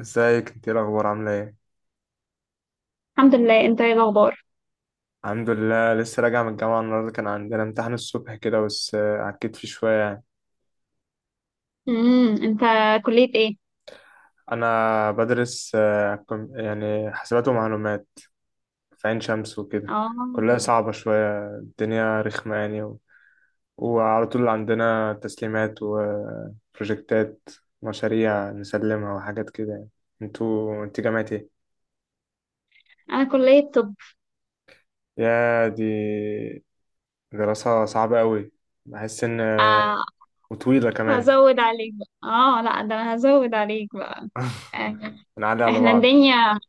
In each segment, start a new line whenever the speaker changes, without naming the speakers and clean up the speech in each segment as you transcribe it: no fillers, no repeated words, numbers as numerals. ازيك؟ انت ايه الاخبار؟ عامله ايه؟
الحمد لله، انت ايه الاخبار؟
الحمد لله، لسه راجع من الجامعه النهارده. كان عندنا امتحان الصبح كده، بس عكيت فيه شويه يعني.
انت كلية ايه؟
انا بدرس، يعني حسابات ومعلومات في عين شمس وكده. كلها
اه.
صعبه شويه، الدنيا رخمه يعني وعلى طول عندنا تسليمات وبروجكتات، مشاريع نسلمها وحاجات كده يعني. انت جامعة ايه؟
انا كلية طب.
يا دي، دراسة صعبة قوي. بحس ان،
آه،
وطويلة كمان.
هزود عليك بقى، اه لا ده انا هزود عليك بقى. آه.
بنعلي على
احنا
بعض.
الدنيا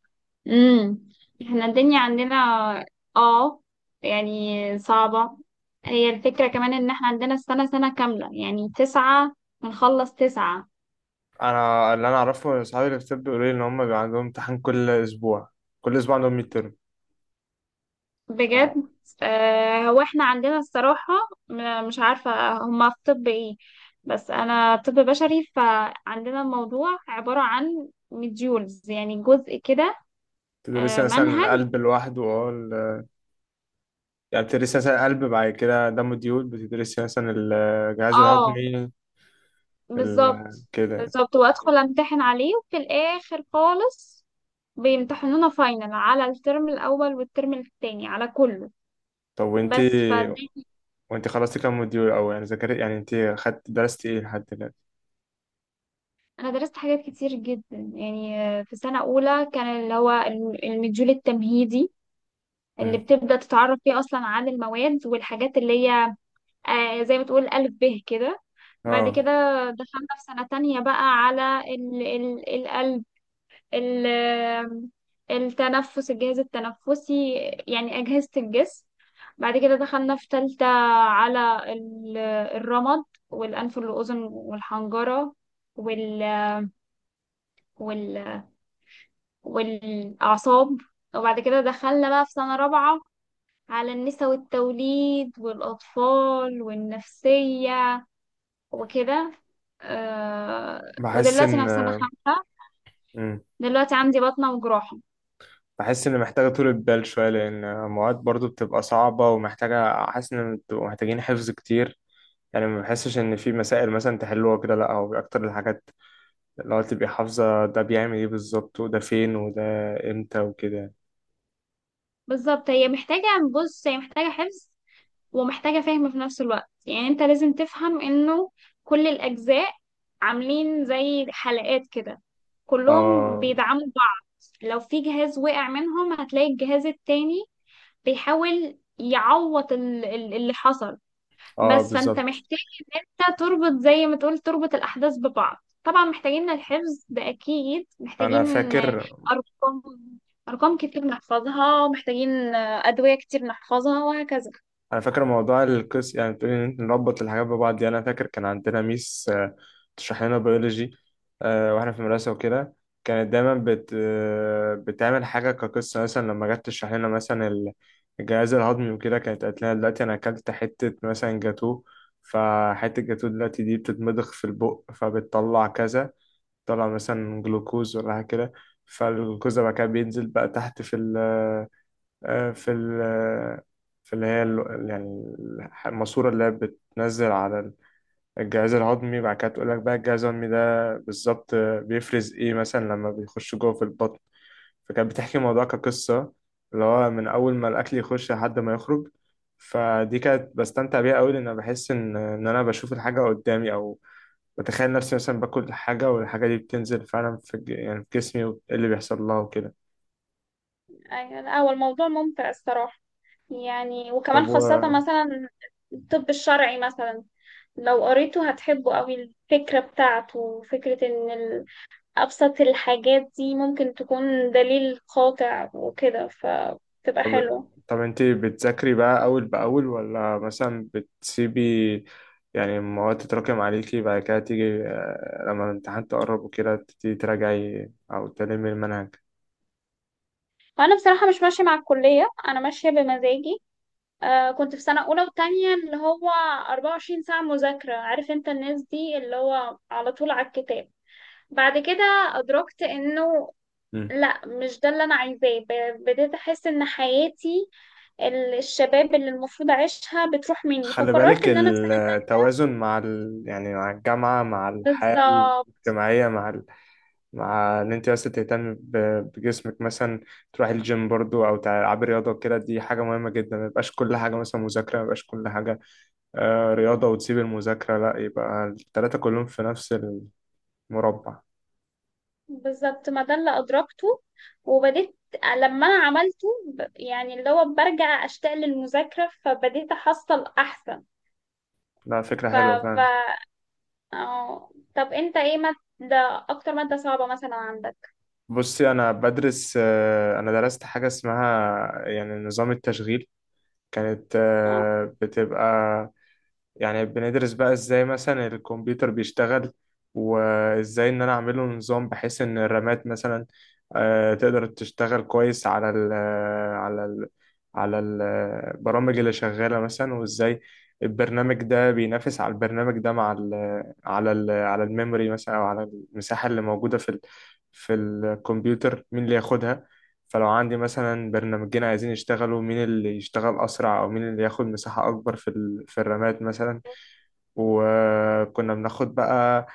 امم احنا الدنيا عندنا، اه يعني صعبة. هي الفكرة كمان ان احنا عندنا السنة، سنة كاملة يعني تسعة، بنخلص تسعة.
انا اللي انا اعرفه إن اصحابي اللي في طب بيقولوا لي ان هم بيبقى عندهم امتحان كل اسبوع، كل اسبوع عندهم ميد ترم.
بجد؟ آه، هو احنا عندنا الصراحة، مش عارفة هما في طب ايه، بس انا طب بشري، فعندنا الموضوع عبارة عن مديولز يعني جزء كده.
فتدرسي
آه،
مثلا
منهج.
القلب لوحده، اه يعني بتدرسي مثلا القلب، بعد كده دم الديود بتدرسي مثلا الجهاز
اه
الهضمي،
بالظبط.
كده يعني.
بالظبط، وادخل امتحن عليه، وفي الاخر خالص بيمتحنونا فاينل على الترم الاول، والترم التاني على كله.
طب وانتي
بس فدي.
وانتي خلصتي كام موديول، او يعني ذاكرت يعني انتي خدت درستي ايه لحد دلوقتي؟
انا درست حاجات كتير جدا، يعني في سنة اولى كان اللي هو المديول التمهيدي، اللي
مم.
بتبدأ تتعرف فيه أصلا عن المواد والحاجات اللي هي آه، زي ما تقول ألف به كده. بعد كده
اه.
دخلنا في سنة تانية بقى على ال القلب، ال التنفس الجهاز التنفسي، يعني أجهزة الجسم. بعد كده دخلنا في تالتة على الرمد والأنف والأذن والحنجرة وال وال والأعصاب، وبعد كده دخلنا بقى في سنة رابعة على النساء والتوليد والأطفال والنفسية وكده. آه،
بحس
ودلوقتي
ان.
أنا في سنة خمسة،
مم.
دلوقتي عندي بطنة وجراحة.
بحس ان محتاجه طولة بال شويه، لان المواد برضو بتبقى صعبه ومحتاجه، حاسس ان بتبقوا محتاجين حفظ كتير. يعني ما بحسش ان في مسائل مثلا تحلوها كده، لا هو اكتر الحاجات اللي هو تبقى حافظه، ده بيعمل ايه بالظبط، وده فين، وده امتى، وكده.
بالظبط، هي محتاجة، بص هي محتاجة حفظ ومحتاجة فهم في نفس الوقت. يعني أنت لازم تفهم إنه كل الأجزاء عاملين زي حلقات كده، كلهم
اه،
بيدعموا بعض. لو في جهاز وقع منهم هتلاقي الجهاز التاني بيحاول يعوض اللي حصل،
اه
بس فانت
بالظبط.
محتاج إنها تربط، زي ما تقول تربط الأحداث ببعض. طبعا محتاجين الحفظ ده، أكيد
انا
محتاجين
فاكر
أرقام أرقام كتير نحفظها، محتاجين أدوية كتير نحفظها، وهكذا.
انا فاكر موضوع القس، يعني بتقولي ان إنت نربط الحاجات ببعض دي. انا فاكر كان عندنا ميس، تشرح لنا بيولوجي واحنا في المدرسه وكده. كانت دايما بت آه، بتعمل حاجه كقصه، مثلا لما جت تشرح لنا مثلا الجهاز الهضمي وكده، كانت قالت لنا دلوقتي انا اكلت حته مثلا جاتوه، فحته جاتوه دلوقتي دي بتتمضغ في البق فبتطلع كذا، تطلع مثلا جلوكوز ولا حاجه كده. فالجلوكوز ده بقى كده بينزل بقى تحت آه، في ال في اللي هي، يعني الماسورة اللي هي بتنزل على الجهاز الهضمي. بعد كده تقول لك بقى الجهاز الهضمي ده بالظبط بيفرز ايه مثلا لما بيخش جوه في البطن. فكانت بتحكي الموضوع كقصة، اللي هو من أول ما الأكل يخش لحد ما يخرج. فدي كانت بستمتع بيها أوي، لأن أنا بحس إن أنا بشوف الحاجة قدامي، أو بتخيل نفسي مثلا باكل حاجة، والحاجة دي بتنزل فعلا في يعني في جسمي، وإيه اللي بيحصل لها وكده.
أيوة، لا هو الموضوع ممتع الصراحة. يعني وكمان خاصة
طب
مثلا الطب الشرعي، مثلا لو قريته هتحبه قوي. الفكرة بتاعته فكرة ان أبسط الحاجات دي ممكن تكون دليل قاطع وكده، فتبقى
طب
حلوة.
طب انت بتذاكري بقى اول باول، ولا مثلا بتسيبي يعني المواد تتراكم عليكي، بعد كده تيجي لما الامتحان تقرب وكده تبتدي تراجعي او تلمي المنهج؟
فانا بصراحه مش ماشيه مع الكليه، انا ماشيه بمزاجي. آه، كنت في سنه اولى وتانية اللي هو 24 ساعه مذاكره، عارف انت، الناس دي اللي هو على طول على الكتاب. بعد كده ادركت انه
مم.
لا، مش ده اللي انا عايزاه. بديت احس ان حياتي، الشباب اللي المفروض اعيشها بتروح مني،
خلي بالك،
فقررت ان انا في سنه تانية.
التوازن مع يعني مع الجامعة، مع الحياة
بالظبط،
الاجتماعية، مع مع ان انت بس تهتمي بجسمك مثلا، تروحي الجيم برضو او تلعبي رياضة وكده، دي حاجة مهمة جدا. ما يبقاش كل حاجة مثلا مذاكرة، ما يبقاش كل حاجة رياضة وتسيب المذاكرة، لا يبقى التلاتة كلهم في نفس المربع.
بالظبط ما ده اللي ادركته. وبديت لما انا عملته يعني اللي هو برجع اشتاق للمذاكره، فبديت احصل احسن.
لا، فكرة
ف
حلوة
ف
فعلا.
اه طب انت ايه مادة، اكتر مادة صعبة مثلا عندك؟
بصي، أنا بدرس، أنا درست حاجة اسمها يعني نظام التشغيل. كانت
اه،
بتبقى يعني بندرس بقى ازاي مثلا الكمبيوتر بيشتغل، وازاي ان انا اعمله نظام بحيث ان الرامات مثلا تقدر تشتغل كويس على ال آه، على ال على البرامج اللي شغالة مثلا، وازاي البرنامج ده بينافس على البرنامج ده مع ال على ال على الميموري مثلا، او على المساحة اللي موجودة في الكمبيوتر، مين اللي ياخدها؟ فلو عندي مثلا برنامجين عايزين يشتغلوا، مين اللي يشتغل أسرع، أو مين اللي ياخد مساحة أكبر في الرامات مثلا. وكنا بناخد بقى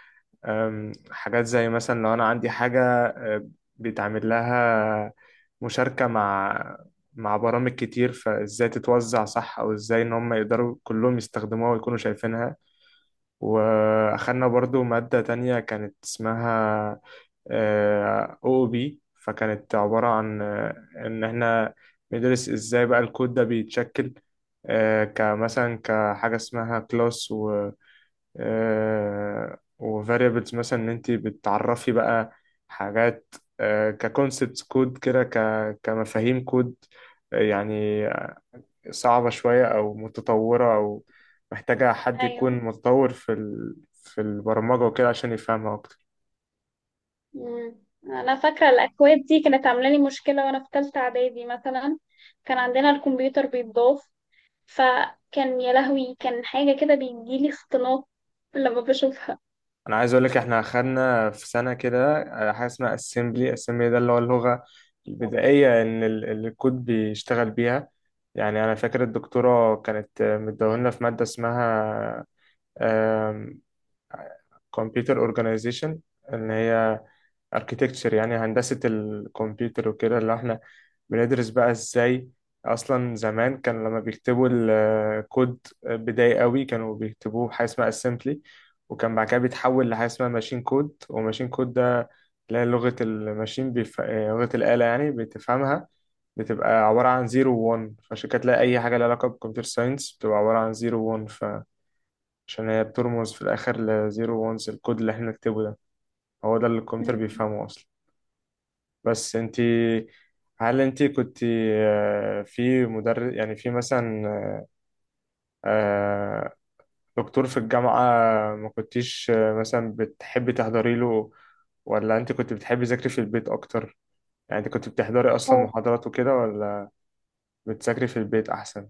حاجات زي مثلا لو أنا عندي حاجة أه، بيتعمل لها مشاركة مع برامج كتير، فازاي تتوزع صح، او ازاي ان هم يقدروا كلهم يستخدموها ويكونوا شايفينها. واخدنا برضو مادة تانية كانت اسمها او بي، فكانت عبارة عن ان احنا بندرس ازاي بقى الكود ده بيتشكل، كمثلا كحاجة اسمها كلاس وفاريبلز مثلا، ان انت بتعرفي بقى حاجات ككونسبت كود كده، كمفاهيم كود يعني، صعبة شوية او متطورة او محتاجة حد يكون
ايوه.
متطور في في البرمجة وكده عشان يفهمها اكتر.
مم. انا فاكرة الاكواد دي كانت عاملة لي مشكلة وانا في تالتة اعدادي مثلا، كان عندنا الكمبيوتر بيتضاف، فكان يا لهوي، كان حاجة كده بيجيلي اختناق لما بشوفها.
انا عايز اقول لك احنا خدنا في سنة كده حاجة اسمها assembly ده اللي هو اللغة البدائية ان اللي الكود بيشتغل بيها. يعني انا فاكر الدكتورة كانت مديهولنا في مادة اسمها كمبيوتر اورجانيزيشن، اللي هي اركيتكتشر يعني هندسة الكمبيوتر وكده، اللي احنا بندرس بقى ازاي اصلا زمان كان لما بيكتبوا الكود بداية قوي كانوا بيكتبوه بحاجة اسمها اسمبلي، وكان بعد كده بيتحول لحاجة اسمها ماشين كود، وماشين كود ده اللي هي لغة الماشين بيف... آه، لغة الآلة يعني بتفهمها، بتبقى عبارة عن زيرو وون. فعشان كده تلاقي أي حاجة لها علاقة بالكمبيوتر ساينس بتبقى عبارة عن زيرو وون، عشان هي بترمز في الآخر لزيرو وانس، الكود اللي احنا نكتبه ده هو ده اللي الكمبيوتر
مم.
بيفهمه أصلا. بس انتي، هل انتي كنت في مدرس يعني في مثلا آه، دكتور في الجامعة، ما كنتيش مثلا بتحبي تحضري له، ولا انت كنت بتحبي تذاكري في البيت أكتر؟ يعني انت كنت بتحضري أصلا
هو
محاضرات وكده، ولا بتذاكري في البيت أحسن؟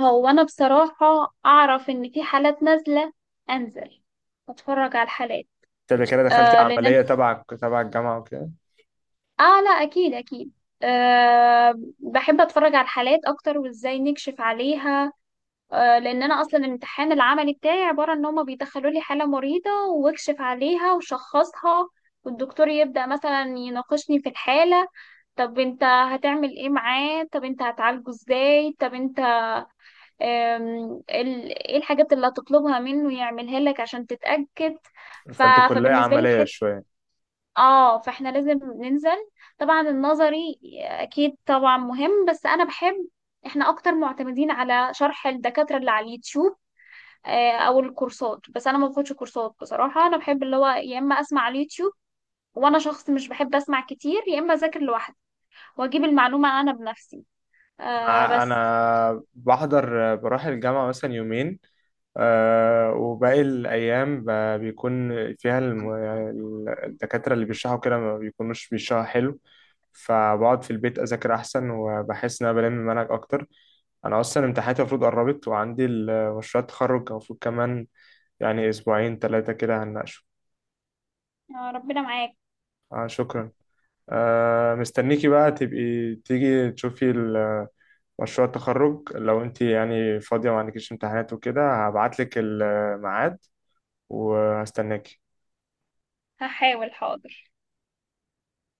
هو انا بصراحة اعرف ان في حالات نازلة، انزل اتفرج على الحالات.
انت كده دخلتي
آه لان أنا.
عملية تبع الجامعة وكده،
اه لا، اكيد اكيد. أه بحب اتفرج على الحالات اكتر وازاي نكشف عليها. أه لان انا اصلا الامتحان العملي بتاعي عباره ان هما بيدخلوا لي حاله مريضه واكشف عليها وشخصها، والدكتور يبدا مثلا يناقشني في الحاله. طب انت هتعمل ايه معاه؟ طب انت هتعالجه ازاي؟ طب انت ايه الحاجات اللي هتطلبها منه يعملها لك عشان تتاكد؟ ف...
فانتوا كلية
فبالنسبه لي
عملية شوية.
اه، فاحنا لازم ننزل. طبعا النظري اكيد طبعا مهم، بس انا بحب، احنا اكتر معتمدين على شرح الدكاترة اللي على اليوتيوب، او الكورسات. بس انا ما باخدش كورسات بصراحة، انا بحب اللي هو يا اما اسمع على اليوتيوب، وانا شخص مش بحب اسمع كتير، يا اما اذاكر لوحدي واجيب المعلومة انا بنفسي. آه بس.
انا بحضر، بروح الجامعة مثلا يومين وباقي الأيام بيكون فيها الدكاترة اللي بيشرحوا كده ما بيكونوش بيشرحوا حلو، فبقعد في البيت أذاكر أحسن وبحس إن أنا بلم المنهج أكتر. أنا أصلا امتحاناتي المفروض قربت، وعندي مشروع التخرج المفروض كمان يعني أسبوعين تلاتة كده هنناقشه.
آه ربنا معاك.
شكرا. مستنيكي بقى، تبقي تيجي تشوفي مشروع التخرج لو انت يعني فاضية وما عندكيش امتحانات وكده، هبعتلك الميعاد وهستناكي.
هحاول، حاضر.